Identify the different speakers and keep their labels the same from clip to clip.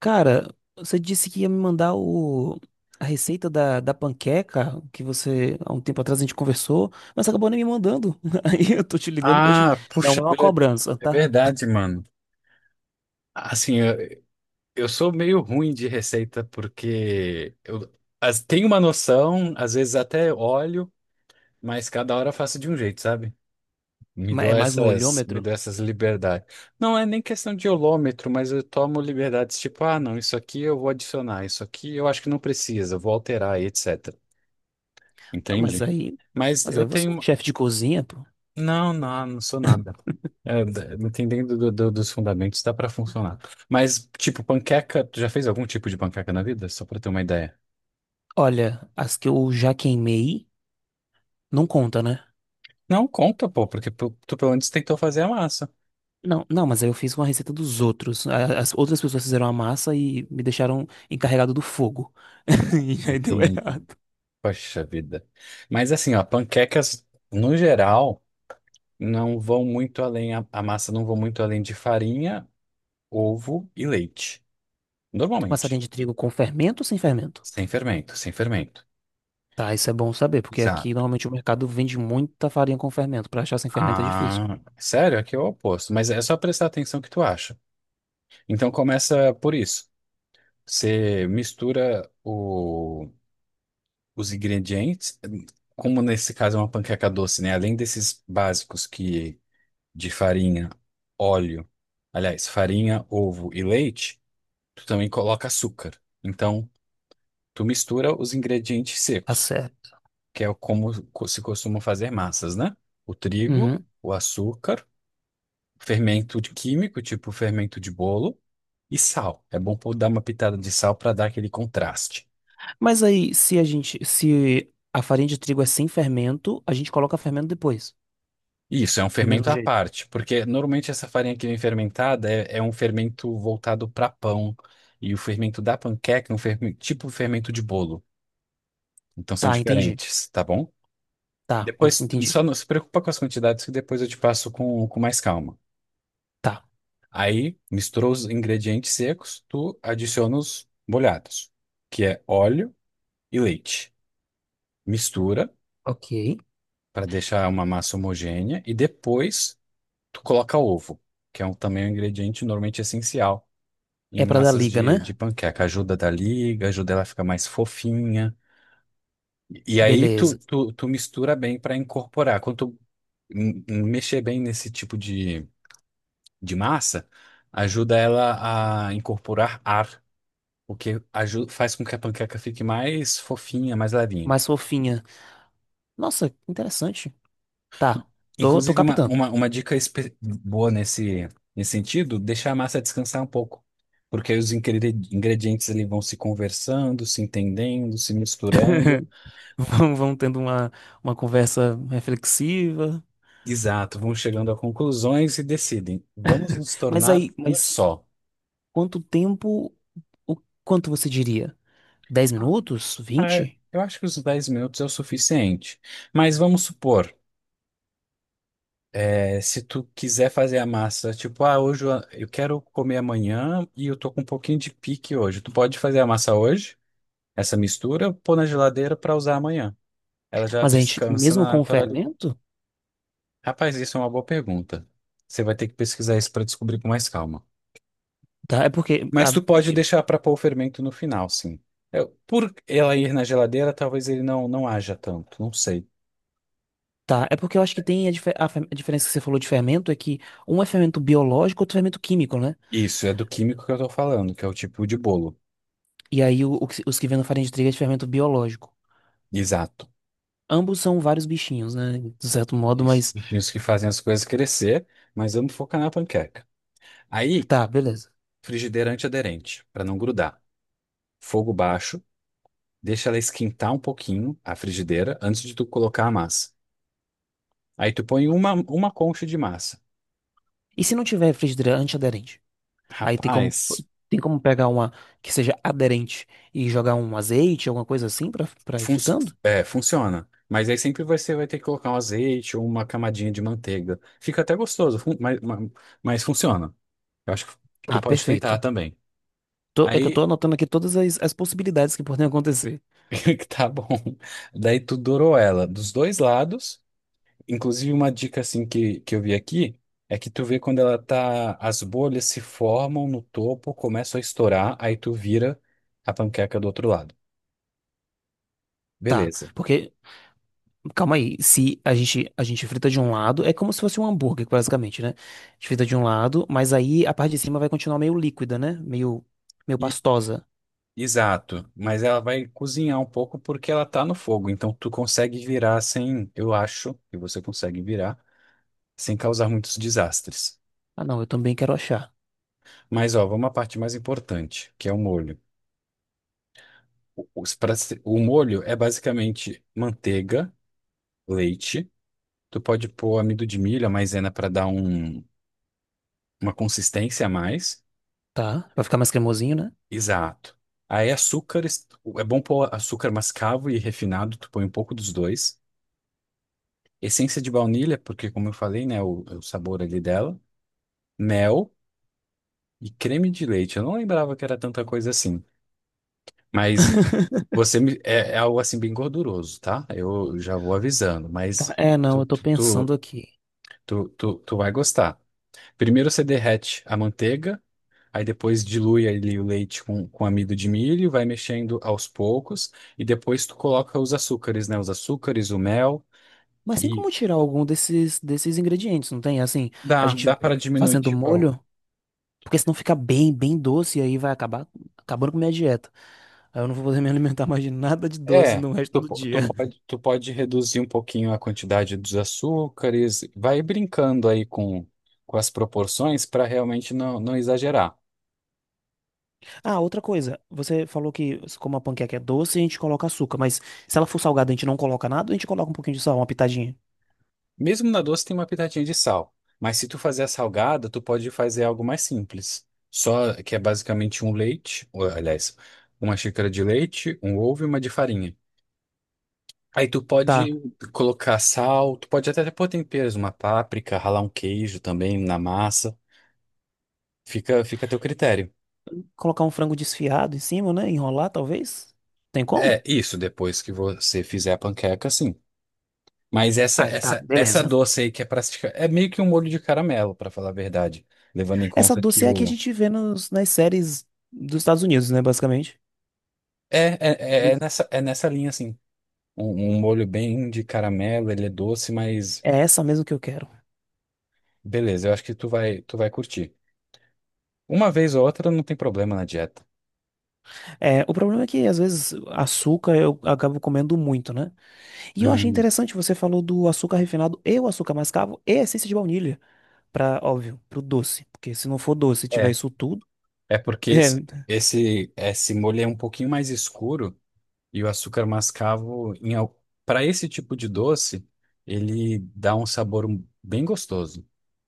Speaker 1: Cara, você disse que ia me mandar a receita da panqueca que há um tempo atrás, a gente conversou, mas você acabou nem me mandando. Aí eu tô te ligando pra te.
Speaker 2: Ah,
Speaker 1: Não,
Speaker 2: puxa,
Speaker 1: é uma
Speaker 2: é
Speaker 1: cobrança,
Speaker 2: é
Speaker 1: tá?
Speaker 2: verdade, mano. Assim, eu sou meio ruim de receita porque eu tenho uma noção, às vezes até olho, mas cada hora eu faço de um jeito, sabe? Me dou
Speaker 1: É mais no
Speaker 2: essas, me
Speaker 1: olhômetro.
Speaker 2: dou essas liberdades. Não é nem questão de olômetro, mas eu tomo liberdades tipo, ah, não, isso aqui eu vou adicionar, isso aqui eu acho que não precisa, eu vou alterar, e etc.
Speaker 1: Ah, mas
Speaker 2: Entende?
Speaker 1: aí.
Speaker 2: Mas
Speaker 1: Mas
Speaker 2: eu
Speaker 1: aí você é
Speaker 2: tenho
Speaker 1: chefe de cozinha, pô.
Speaker 2: Não, não, não sou nada. É, dependendo dos fundamentos, dá pra funcionar. Mas, tipo, panqueca, tu já fez algum tipo de panqueca na vida? Só pra ter uma ideia.
Speaker 1: Olha, as que eu já queimei não conta, né?
Speaker 2: Não, conta, pô, porque tu pelo menos tentou fazer a massa.
Speaker 1: Não, não, mas aí eu fiz com a receita dos outros. As outras pessoas fizeram a massa e me deixaram encarregado do fogo. E aí deu
Speaker 2: Entendi.
Speaker 1: errado.
Speaker 2: Poxa vida. Mas assim, ó, panquecas, no geral, não vão muito além, a massa não vão muito além de farinha, ovo e leite.
Speaker 1: Uma farinha
Speaker 2: Normalmente.
Speaker 1: de trigo com fermento ou sem fermento?
Speaker 2: Sem fermento, sem fermento.
Speaker 1: Tá, isso é bom saber, porque aqui
Speaker 2: Exato.
Speaker 1: normalmente o mercado vende muita farinha com fermento. Pra achar sem fermento é difícil.
Speaker 2: Ah, sério? Aqui é o oposto. Mas é só prestar atenção que tu acha. Então começa por isso. Você mistura os ingredientes, como nesse caso é uma panqueca doce, né? Além desses básicos que de farinha, óleo, aliás, farinha, ovo e leite, tu também coloca açúcar. Então, tu mistura os ingredientes
Speaker 1: Tá
Speaker 2: secos,
Speaker 1: certo.
Speaker 2: que é como se costuma fazer massas, né? O trigo,
Speaker 1: Uhum.
Speaker 2: o açúcar, fermento de químico, tipo fermento de bolo, e sal. É bom dar uma pitada de sal para dar aquele contraste.
Speaker 1: Mas aí, se a farinha de trigo é sem fermento, a gente coloca fermento depois,
Speaker 2: Isso, é um
Speaker 1: do
Speaker 2: fermento
Speaker 1: mesmo
Speaker 2: à
Speaker 1: jeito.
Speaker 2: parte, porque normalmente essa farinha que vem fermentada é, é um fermento voltado para pão, e o fermento da panqueca é um fermento, tipo fermento de bolo. Então são
Speaker 1: Tá, entendi.
Speaker 2: diferentes, tá bom? Depois,
Speaker 1: Entendi.
Speaker 2: só não se preocupa com as quantidades que depois eu te passo com mais calma.
Speaker 1: Tá.
Speaker 2: Aí, misturou os ingredientes secos, tu adiciona os molhados, que é óleo e leite. Mistura,
Speaker 1: Ok.
Speaker 2: para deixar uma massa homogênea, e depois tu coloca ovo, que é um, também um ingrediente normalmente essencial em
Speaker 1: É pra dar
Speaker 2: massas
Speaker 1: liga, né?
Speaker 2: de panqueca. Ajuda da liga, ajuda ela a ficar mais fofinha. E aí tu,
Speaker 1: Beleza.
Speaker 2: tu, tu mistura bem para incorporar. Quando tu mexer bem nesse tipo de massa, ajuda ela a incorporar ar, o que faz com que a panqueca fique mais fofinha, mais levinha.
Speaker 1: Mais fofinha. Nossa, interessante. Tá. Tô
Speaker 2: Inclusive, uma,
Speaker 1: captando.
Speaker 2: uma, uma dica boa nesse sentido, deixar a massa descansar um pouco. Porque aí os ingredientes ali vão se conversando, se entendendo, se misturando.
Speaker 1: Vamos tendo uma conversa reflexiva.
Speaker 2: Exato, vão chegando a conclusões e decidem, vamos nos
Speaker 1: Mas
Speaker 2: tornar
Speaker 1: aí,
Speaker 2: um
Speaker 1: mas
Speaker 2: só.
Speaker 1: Quanto tempo, o quanto você diria? dez
Speaker 2: Ah,
Speaker 1: minutos?
Speaker 2: é,
Speaker 1: 20.
Speaker 2: eu acho que os dez minutos é o suficiente. Mas vamos supor, é, se tu quiser fazer a massa, tipo, ah, hoje eu quero comer amanhã e eu tô com um pouquinho de pique hoje. Tu pode fazer a massa hoje? Essa mistura, eu pôr na geladeira para usar amanhã. Ela já
Speaker 1: Mas a gente,
Speaker 2: descansa
Speaker 1: mesmo
Speaker 2: na
Speaker 1: com o
Speaker 2: naturalidade.
Speaker 1: fermento,
Speaker 2: Rapaz, isso é uma boa pergunta. Você vai ter que pesquisar isso para descobrir com mais calma.
Speaker 1: tá? É porque
Speaker 2: Mas tu pode deixar para pôr o fermento no final, sim. É, por ela ir na geladeira, talvez ele não haja tanto, não sei.
Speaker 1: tá, é porque eu acho que tem a diferença que você falou de fermento é que um é fermento biológico, outro é fermento químico, né?
Speaker 2: Isso, é do químico que eu tô falando, que é o tipo de bolo.
Speaker 1: E aí os que vêm na farinha de trigo é de fermento biológico.
Speaker 2: Exato.
Speaker 1: Ambos são vários bichinhos, né? De certo modo,
Speaker 2: Isso.
Speaker 1: mas
Speaker 2: Bichinhos que fazem as coisas crescer, mas vamos focar na panqueca. Aí,
Speaker 1: tá, beleza.
Speaker 2: frigideira antiaderente, para não grudar. Fogo baixo. Deixa ela esquentar um pouquinho a frigideira antes de tu colocar a massa. Aí tu põe uma concha de massa.
Speaker 1: E se não tiver frigideira antiaderente? Aí tem como
Speaker 2: Rapaz,
Speaker 1: tem como pegar uma que seja aderente e jogar um azeite, alguma coisa assim pra para ir
Speaker 2: func-
Speaker 1: fritando?
Speaker 2: é, funciona. Mas aí sempre você vai ter que colocar um azeite ou uma camadinha de manteiga. Fica até gostoso, fun- mas funciona. Eu acho que tu
Speaker 1: Ah,
Speaker 2: pode tentar
Speaker 1: perfeito.
Speaker 2: também.
Speaker 1: É que eu
Speaker 2: Aí,
Speaker 1: tô anotando aqui todas as possibilidades que podem acontecer.
Speaker 2: tá bom. Daí tu dourou ela dos dois lados. Inclusive, uma dica assim que eu vi aqui é que tu vê quando ela tá, as bolhas se formam no topo, começam a estourar, aí tu vira a panqueca do outro lado.
Speaker 1: Tá,
Speaker 2: Beleza.
Speaker 1: porque, calma aí, se a gente, a gente frita de um lado, é como se fosse um hambúrguer, basicamente, né? A gente frita de um lado, mas aí a parte de cima vai continuar meio líquida, né? Meio
Speaker 2: E,
Speaker 1: pastosa.
Speaker 2: exato, mas ela vai cozinhar um pouco porque ela tá no fogo, então tu consegue virar sem, eu acho que você consegue virar sem causar muitos desastres.
Speaker 1: Ah, não, eu também quero achar.
Speaker 2: Mas ó, vamos à parte mais importante, que é o molho. O, os pra- o molho é basicamente manteiga, leite. Tu pode pôr amido de milho, a maisena para dar um, uma consistência a mais.
Speaker 1: Tá, vai ficar mais cremosinho, né?
Speaker 2: Exato. Aí açúcares, é bom pôr açúcar mascavo e refinado, tu põe um pouco dos dois. Essência de baunilha, porque como eu falei, né, o sabor ali dela. Mel e creme de leite. Eu não lembrava que era tanta coisa assim, mas você me- é, é algo assim bem gorduroso, tá? Eu já vou avisando,
Speaker 1: Tá,
Speaker 2: mas
Speaker 1: é, não,
Speaker 2: tu,
Speaker 1: eu tô
Speaker 2: tu,
Speaker 1: pensando
Speaker 2: tu,
Speaker 1: aqui.
Speaker 2: tu vai gostar. Primeiro você derrete a manteiga. Aí depois dilui ali o leite com, amido de milho, vai mexendo aos poucos, e depois tu coloca os açúcares, né? Os açúcares, o mel
Speaker 1: Mas tem
Speaker 2: e
Speaker 1: como tirar algum desses ingredientes, não tem? Assim, a
Speaker 2: dá,
Speaker 1: gente
Speaker 2: dá para diminuir,
Speaker 1: fazendo
Speaker 2: tipo, a-
Speaker 1: molho. Porque senão fica bem, bem doce e aí vai acabar acabando com minha dieta. Aí eu não vou poder me alimentar mais de nada de doce
Speaker 2: é,
Speaker 1: no resto
Speaker 2: tu,
Speaker 1: do
Speaker 2: po-
Speaker 1: dia.
Speaker 2: tu pode reduzir um pouquinho a quantidade dos açúcares, vai brincando aí com as proporções para realmente não, não exagerar.
Speaker 1: Ah, outra coisa. Você falou que como a panqueca é doce, a gente coloca açúcar. Mas se ela for salgada, a gente não coloca nada, ou a gente coloca um pouquinho de sal, uma pitadinha.
Speaker 2: Mesmo na doce tem uma pitadinha de sal, mas se tu fazer a salgada, tu pode fazer algo mais simples. Só que é basicamente um leite, ou, aliás, uma xícara de leite, um ovo e uma de farinha. Aí tu
Speaker 1: Tá.
Speaker 2: pode colocar sal, tu pode até pôr temperos, uma páprica, ralar um queijo também na massa. Fica, fica a teu critério.
Speaker 1: Colocar um frango desfiado em cima, né? Enrolar, talvez. Tem como?
Speaker 2: É isso, depois que você fizer a panqueca, sim. Mas essa
Speaker 1: Ai, tá,
Speaker 2: essa essa
Speaker 1: beleza.
Speaker 2: doce aí que é pra, é meio que um molho de caramelo, pra falar a verdade, levando em
Speaker 1: Essa
Speaker 2: conta que
Speaker 1: doce é a que a
Speaker 2: o
Speaker 1: gente vê nas séries dos Estados Unidos, né? Basicamente.
Speaker 2: é
Speaker 1: Eles-
Speaker 2: nessa, é nessa linha, assim. Um molho bem de caramelo, ele é doce, mas
Speaker 1: É essa mesmo que eu quero.
Speaker 2: beleza, eu acho que tu vai curtir. Uma vez ou outra não tem problema na dieta.
Speaker 1: É, o problema é que às vezes açúcar eu acabo comendo muito, né? E eu achei
Speaker 2: Hum,
Speaker 1: interessante, você falou do açúcar refinado e o açúcar mascavo e a essência de baunilha, para, óbvio, pro doce, porque se não for doce e tiver
Speaker 2: é,
Speaker 1: isso tudo,
Speaker 2: é porque
Speaker 1: é,
Speaker 2: esse, esse, esse molho é um pouquinho mais escuro e o açúcar mascavo, em, para esse tipo de doce, ele dá um sabor um- bem gostoso.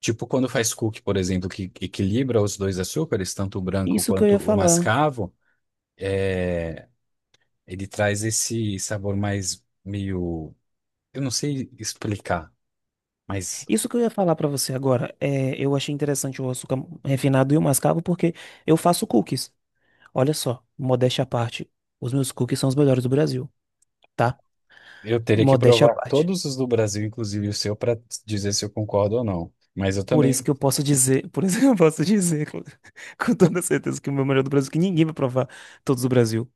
Speaker 2: Tipo quando faz cookie, por exemplo, que equilibra os dois açúcares, tanto o branco
Speaker 1: isso que eu
Speaker 2: quanto
Speaker 1: ia
Speaker 2: o
Speaker 1: falar.
Speaker 2: mascavo. Ele traz esse sabor mais meio. Eu não sei explicar, mas
Speaker 1: Isso que eu ia falar para você agora, é, eu achei interessante o açúcar refinado e o mascavo porque eu faço cookies. Olha só, modéstia à parte, os meus cookies são os melhores do Brasil, tá?
Speaker 2: eu teria que
Speaker 1: Modéstia à
Speaker 2: provar
Speaker 1: parte.
Speaker 2: todos os do Brasil, inclusive o seu, para dizer se eu concordo ou não. Mas eu
Speaker 1: Por
Speaker 2: também.
Speaker 1: isso que eu posso dizer, por isso que eu posso dizer com, com toda certeza que o meu melhor do Brasil, que ninguém vai provar todos do Brasil.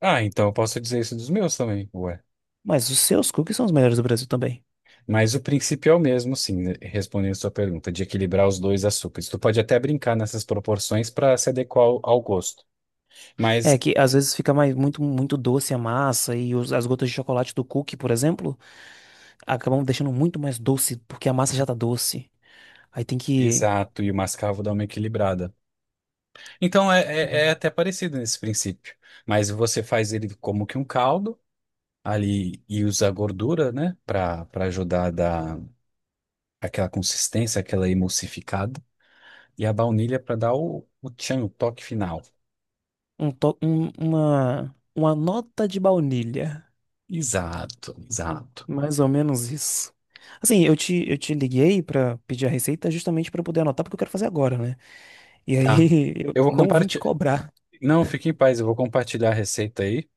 Speaker 2: Ah, então eu posso dizer isso dos meus também, ué.
Speaker 1: Mas os seus cookies são os melhores do Brasil também.
Speaker 2: Mas o princípio é o mesmo, sim, né, respondendo a sua pergunta, de equilibrar os dois açúcares. Tu pode até brincar nessas proporções para se adequar ao gosto.
Speaker 1: É
Speaker 2: Mas,
Speaker 1: que às vezes fica mais muito muito doce a massa e as gotas de chocolate do cookie, por exemplo, acabam deixando muito mais doce porque a massa já tá doce. Aí tem que
Speaker 2: exato, e o mascavo dá uma equilibrada. Então é, é até parecido nesse princípio. Mas você faz ele como que um caldo ali e usar gordura, né, para ajudar a dar aquela consistência, aquela emulsificada, e a baunilha para dar o tchan, o toque final.
Speaker 1: uma nota de baunilha,
Speaker 2: Exato, exato.
Speaker 1: mais ou menos isso. Assim, eu te liguei pra pedir a receita justamente pra eu poder anotar porque eu quero fazer agora, né? E
Speaker 2: Tá.
Speaker 1: aí eu
Speaker 2: Eu vou
Speaker 1: não vim te
Speaker 2: compartilhar.
Speaker 1: cobrar.
Speaker 2: Não, fique em paz, eu vou compartilhar a receita aí,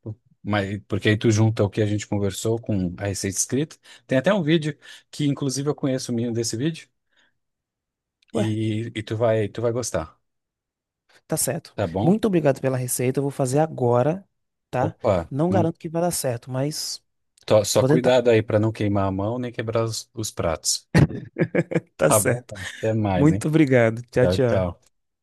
Speaker 2: mas porque aí tu junta o que a gente conversou com a receita escrita. Tem até um vídeo que inclusive eu conheço o menino desse vídeo e tu vai gostar,
Speaker 1: Tá certo.
Speaker 2: tá bom?
Speaker 1: Muito obrigado pela receita. Eu vou fazer agora, tá?
Speaker 2: Opa,
Speaker 1: Não garanto que vai dar certo, mas
Speaker 2: só
Speaker 1: vou tentar.
Speaker 2: cuidado aí para não queimar a mão nem quebrar os pratos.
Speaker 1: Tá
Speaker 2: Tá bom,
Speaker 1: certo.
Speaker 2: então, até mais, hein?
Speaker 1: Muito obrigado. Tchau,
Speaker 2: Tchau,
Speaker 1: tchau.
Speaker 2: tchau.